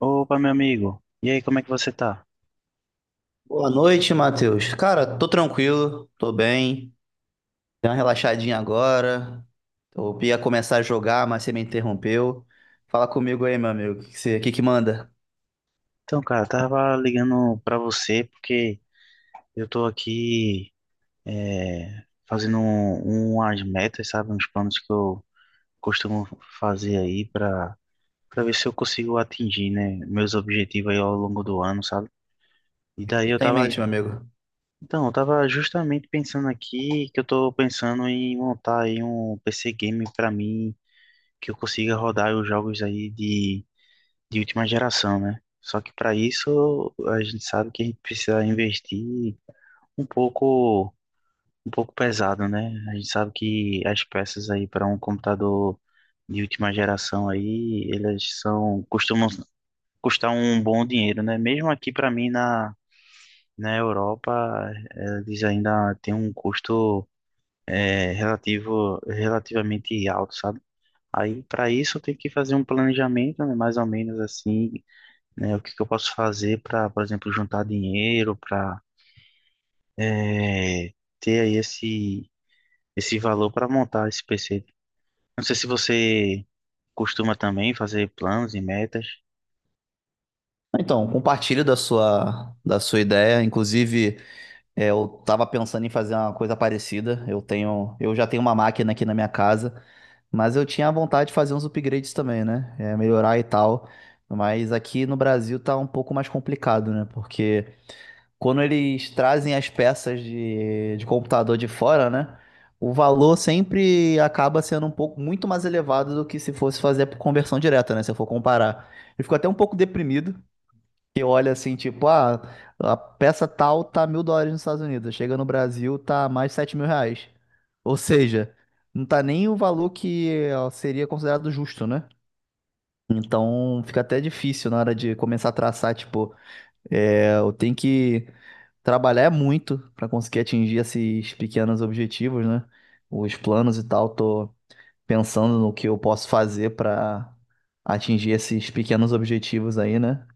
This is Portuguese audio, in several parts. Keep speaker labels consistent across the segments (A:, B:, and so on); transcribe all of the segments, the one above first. A: Opa, meu amigo. E aí, como é que você tá?
B: Boa noite, Matheus. Cara, tô tranquilo, tô bem. Dei uma relaxadinha agora. Eu ia começar a jogar, mas você me interrompeu. Fala comigo aí, meu amigo. O que que manda?
A: Então, cara, eu tava ligando pra você porque eu tô aqui fazendo umas metas, sabe? Uns planos que eu costumo fazer aí pra ver se eu consigo atingir, né? Meus objetivos aí ao longo do ano, sabe? E
B: O que
A: daí eu
B: tá em
A: tava,
B: mente, meu amigo.
A: então, eu tava justamente pensando aqui que eu tô pensando em montar aí um PC game pra mim, que eu consiga rodar os jogos aí de última geração, né? Só que para isso a gente sabe que a gente precisa investir um pouco, um pouco pesado, né? A gente sabe que as peças aí para um computador de última geração aí, elas são costumam custar um bom dinheiro, né? Mesmo aqui para mim na Europa, eles ainda têm um custo é, relativo relativamente alto, sabe? Aí, para isso, eu tenho que fazer um planejamento, né, mais ou menos assim, né? O que que eu posso fazer para, por exemplo, juntar dinheiro, para ter aí esse valor para montar esse PC. Não sei se você costuma também fazer planos e metas.
B: Então, compartilho da sua ideia. Inclusive, eu tava pensando em fazer uma coisa parecida. Eu já tenho uma máquina aqui na minha casa, mas eu tinha vontade de fazer uns upgrades também, né? É, melhorar e tal. Mas aqui no Brasil tá um pouco mais complicado, né? Porque quando eles trazem as peças de computador de fora, né? O valor sempre acaba sendo um pouco muito mais elevado do que se fosse fazer por conversão direta, né? Se eu for comparar. Eu fico até um pouco deprimido, que olha assim, tipo, ah, a peça tal tá $1.000 nos Estados Unidos, chega no Brasil, tá mais de R$ 7.000. Ou seja, não tá nem o valor que ó, seria considerado justo, né? Então fica até difícil na hora de começar a traçar, tipo, é, eu tenho que trabalhar muito para conseguir atingir esses pequenos objetivos, né? Os planos e tal, tô pensando no que eu posso fazer para atingir esses pequenos objetivos aí, né?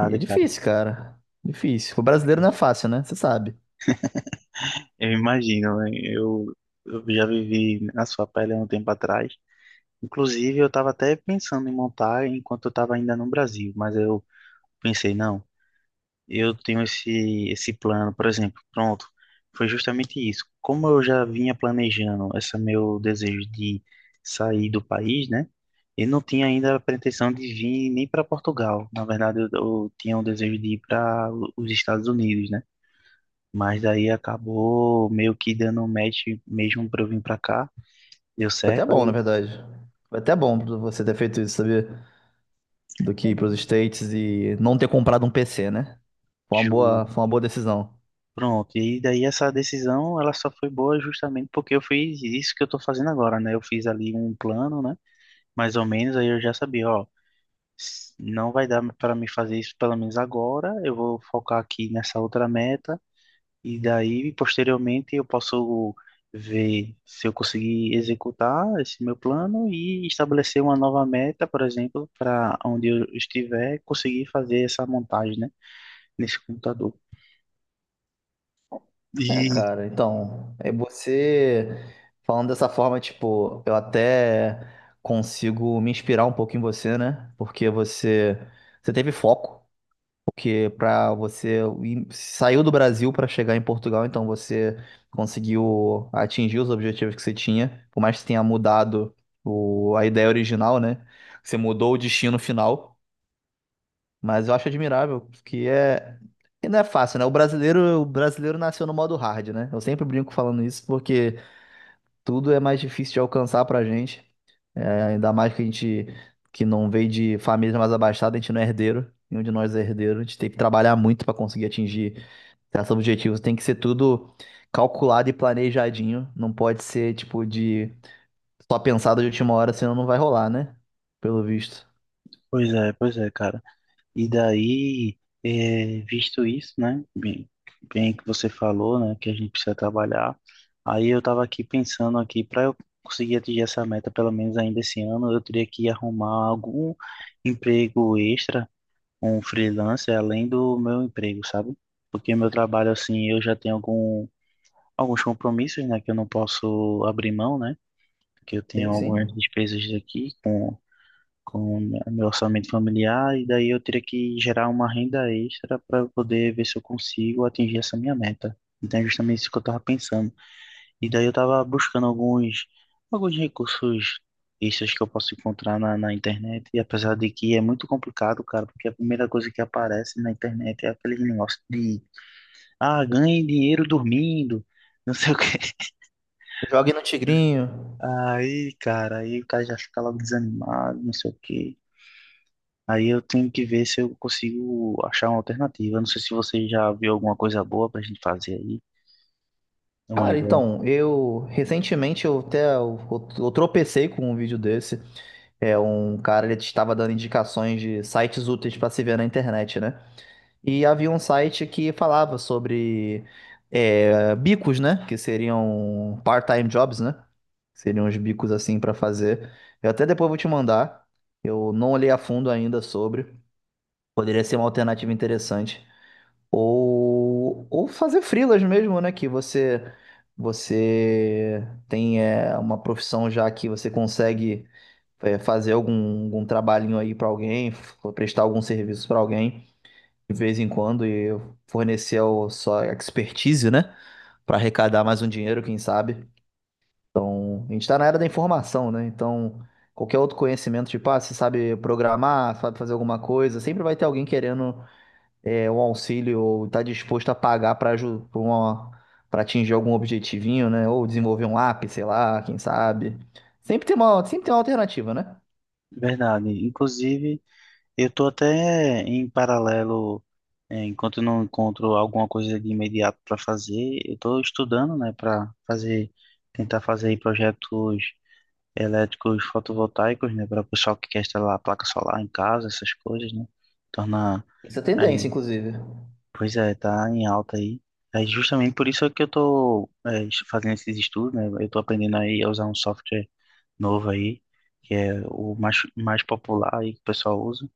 B: E é
A: cara.
B: difícil, cara. Difícil. O brasileiro não é fácil, né? Você sabe.
A: Eu imagino, né? Eu já vivi na sua pele há um tempo atrás. Inclusive, eu estava até pensando em montar enquanto eu estava ainda no Brasil, mas eu pensei, não. Eu tenho esse plano, por exemplo, pronto, foi justamente isso. Como eu já vinha planejando esse meu desejo de sair do país, né? Eu não tinha ainda a pretensão de vir nem para Portugal. Na verdade, eu tinha um desejo de ir para os Estados Unidos, né? Mas daí acabou meio que dando um match mesmo para eu vir para cá. Deu
B: Foi até
A: certo,
B: bom, na
A: aí
B: verdade. Foi até bom você ter feito isso, sabia? Do que ir pros States e não ter comprado um PC, né?
A: Ju.
B: Foi uma boa decisão.
A: Pronto, e daí essa decisão ela só foi boa justamente porque eu fiz isso que eu tô fazendo agora, né? Eu fiz ali um plano, né? Mais ou menos, aí eu já sabia, ó, não vai dar para mim fazer isso pelo menos agora, eu vou focar aqui nessa outra meta, e daí, posteriormente, eu posso ver se eu conseguir executar esse meu plano e estabelecer uma nova meta, por exemplo, para onde eu estiver, conseguir fazer essa montagem, né, nesse computador.
B: É,
A: E,
B: cara, então, é você falando dessa forma, tipo, eu até consigo me inspirar um pouco em você, né? Você teve foco, porque saiu do Brasil pra chegar em Portugal, então você conseguiu atingir os objetivos que você tinha, por mais que tenha mudado a ideia original, né? Você mudou o destino final. Mas eu acho admirável, que é. Que não é fácil, né? O brasileiro nasceu no modo hard, né? Eu sempre brinco falando isso porque tudo é mais difícil de alcançar pra gente. É, ainda mais que a gente que não veio de família mais abastada, a gente não é herdeiro. Nenhum de nós é herdeiro. A gente tem que trabalhar muito pra conseguir atingir certos objetivos. Tem que ser tudo calculado e planejadinho. Não pode ser, tipo, de só pensado de última hora, senão não vai rolar, né? Pelo visto.
A: pois é, cara. E daí, é, visto isso, né? Bem que você falou, né? Que a gente precisa trabalhar. Aí eu tava aqui pensando aqui, para eu conseguir atingir essa meta, pelo menos ainda esse ano, eu teria que arrumar algum emprego extra, um freelancer, além do meu emprego, sabe? Porque meu trabalho, assim, eu já tenho alguns compromissos, né? Que eu não posso abrir mão, né? Porque eu tenho
B: Sim,
A: algumas
B: sim.
A: despesas aqui com o meu orçamento familiar e daí eu teria que gerar uma renda extra para poder ver se eu consigo atingir essa minha meta. Então é justamente isso que eu estava pensando. E daí eu estava buscando alguns recursos extras que eu posso encontrar na internet e apesar de que é muito complicado, cara, porque a primeira coisa que aparece na internet é aquele negócio de ah, ganhe dinheiro dormindo. Não sei o quê.
B: Jogue no Tigrinho.
A: Aí, cara, aí o cara já fica logo desanimado, não sei o quê. Aí eu tenho que ver se eu consigo achar uma alternativa. Não sei se você já viu alguma coisa boa pra gente fazer aí. É uma
B: Cara,
A: ideia.
B: então, eu recentemente eu até eu tropecei com um vídeo desse. É um cara, ele estava dando indicações de sites úteis para se ver na internet, né? E havia um site que falava sobre bicos, né? Que seriam part-time jobs, né? Seriam uns bicos assim para fazer. Eu até depois vou te mandar. Eu não olhei a fundo ainda sobre. Poderia ser uma alternativa interessante. Ou fazer freelas mesmo, né? Que você tem uma profissão, já que você consegue fazer algum trabalhinho aí pra alguém, prestar algum serviço pra alguém de vez em quando e fornecer a sua expertise, né? Pra arrecadar mais um dinheiro, quem sabe. Então, a gente tá na era da informação, né? Então, qualquer outro conhecimento, tipo, ah, você sabe programar, sabe fazer alguma coisa, sempre vai ter alguém querendo um auxílio, ou está disposto a pagar para atingir algum objetivinho, né? Ou desenvolver um app, sei lá, quem sabe. Sempre tem uma alternativa, né?
A: Verdade. Inclusive, eu tô até em paralelo, enquanto eu não encontro alguma coisa de imediato para fazer, eu tô estudando, né, para fazer, tentar fazer aí projetos elétricos fotovoltaicos, né, para o pessoal que quer instalar a placa solar em casa, essas coisas, né? Tornar
B: Isso é
A: aí
B: tendência, inclusive.
A: pois é, tá em alta aí. É justamente por isso que eu tô fazendo esses estudos, né? Eu tô aprendendo aí a usar um software novo aí, que é o mais popular aí que o pessoal usa.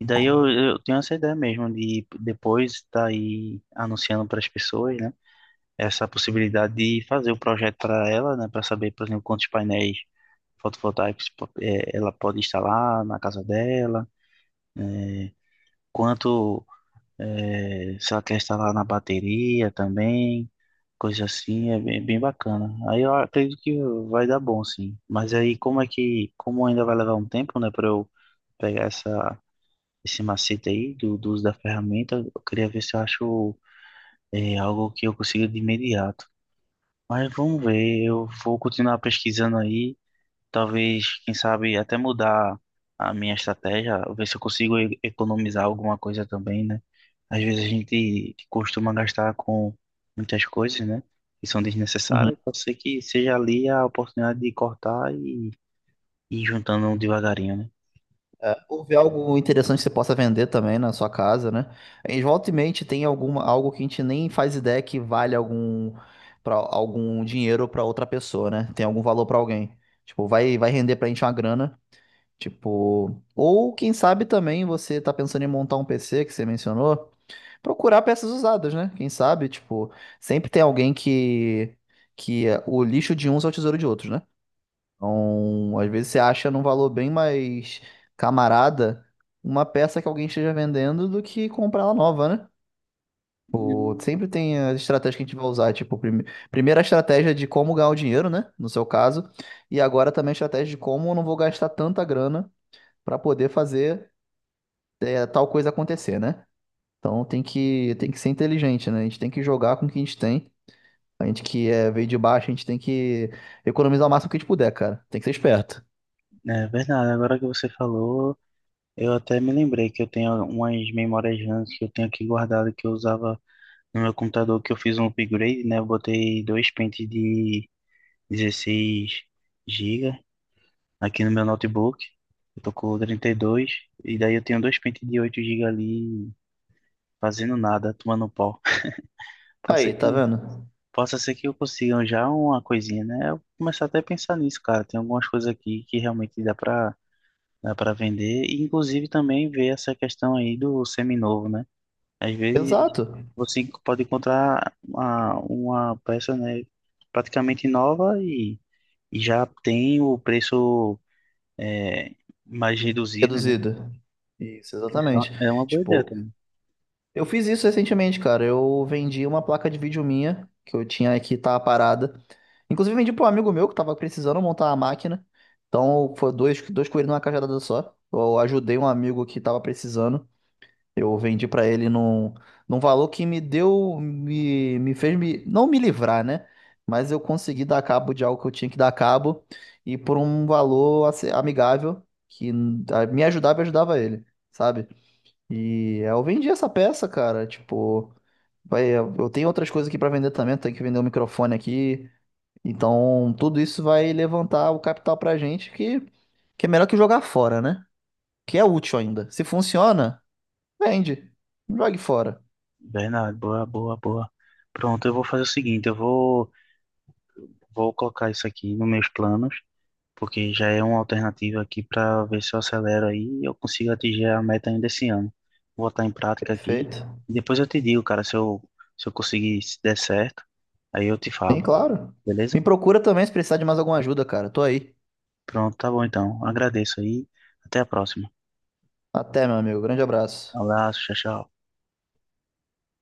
A: E daí eu tenho essa ideia mesmo de depois estar aí anunciando para as pessoas, né? Essa possibilidade de fazer o projeto para ela, né? Para saber, por exemplo, quantos painéis fotovoltaicos ela pode instalar na casa dela, quanto se ela quer instalar na bateria também, coisa assim, é bem bacana. Aí eu acredito que vai dar bom, sim. Mas aí como é que, como ainda vai levar um tempo, né, para eu pegar esse macete aí do uso da ferramenta, eu queria ver se eu acho algo que eu consiga de imediato. Mas vamos ver, eu vou continuar pesquisando aí. Talvez, quem sabe, até mudar a minha estratégia, ver se eu consigo economizar alguma coisa também, né? Às vezes a gente costuma gastar com muitas coisas, né? Que são
B: Uhum.
A: desnecessárias. Pode ser que seja ali a oportunidade de cortar e ir juntando devagarinho, né?
B: É, ou ver algo interessante que você possa vender também na sua casa, né? Em volta e meia, tem algo que a gente nem faz ideia que vale algum dinheiro para outra pessoa, né? Tem algum valor para alguém. Tipo, vai render pra gente uma grana. Tipo, ou quem sabe também, você tá pensando em montar um PC, que você mencionou, procurar peças usadas, né? Quem sabe, tipo, sempre tem alguém que o lixo de uns é o tesouro de outros, né? Então, às vezes você acha num valor bem mais camarada uma peça que alguém esteja vendendo do que comprar ela nova, né? Ou
A: Hum,
B: sempre tem as estratégias que a gente vai usar, tipo, primeiro a estratégia de como ganhar o dinheiro, né? No seu caso, e agora também a estratégia de como eu não vou gastar tanta grana para poder fazer tal coisa acontecer, né? Então tem que ser inteligente, né? A gente tem que jogar com o que a gente tem. A gente que é, veio de baixo, a gente tem que economizar o máximo que a gente puder, cara. Tem que ser esperto.
A: é verdade. Agora que você falou, eu até me lembrei que eu tenho umas memórias RAM que eu tenho aqui guardado que eu usava no meu computador, que eu fiz um upgrade, né? Eu botei dois pentes de 16 GB aqui no meu notebook. Eu tô com 32 e daí eu tenho dois pentes de 8 GB ali fazendo nada, tomando pau. Possa ser
B: Aí, tá
A: que,
B: vendo?
A: possa ser que eu consiga já uma coisinha, né? Eu começar até a pensar nisso, cara. Tem algumas coisas aqui que realmente dá pra vender e inclusive também ver essa questão aí do seminovo, né? Às vezes
B: Exato.
A: você pode encontrar uma peça, né, praticamente nova e já tem o preço é, mais reduzido, né?
B: Reduzido. Isso,
A: Isso
B: exatamente.
A: é uma boa ideia
B: Tipo,
A: também.
B: eu fiz isso recentemente, cara. Eu vendi uma placa de vídeo minha, que eu tinha aqui, tava parada. Inclusive, vendi pra um amigo meu que tava precisando montar a máquina. Então, foi dois, dois coelhos numa cajadada só. Eu ajudei um amigo que tava precisando. Eu vendi pra ele num valor que me deu, me fez me, não me livrar, né? Mas eu consegui dar cabo de algo que eu tinha que dar cabo, e por um valor amigável que me ajudava e ajudava ele, sabe? E eu vendi essa peça, cara. Tipo, vai, eu tenho outras coisas aqui pra vender também, tenho que vender um microfone aqui. Então, tudo isso vai levantar o capital pra gente, que é melhor que jogar fora, né? Que é útil ainda. Se funciona, vende. Não jogue fora.
A: Bernardo, boa. Pronto, eu vou fazer o seguinte, vou colocar isso aqui nos meus planos, porque já é uma alternativa aqui para ver se eu acelero aí e eu consigo atingir a meta ainda esse ano. Vou botar em prática aqui.
B: Perfeito.
A: E depois eu te digo, cara, se eu conseguir, se der certo, aí eu te
B: Sim,
A: falo,
B: claro.
A: beleza?
B: Me procura também se precisar de mais alguma ajuda, cara. Tô aí.
A: Pronto, tá bom então. Agradeço aí. Até a próxima.
B: Até, meu amigo. Grande abraço.
A: Abraço, tchau, tchau.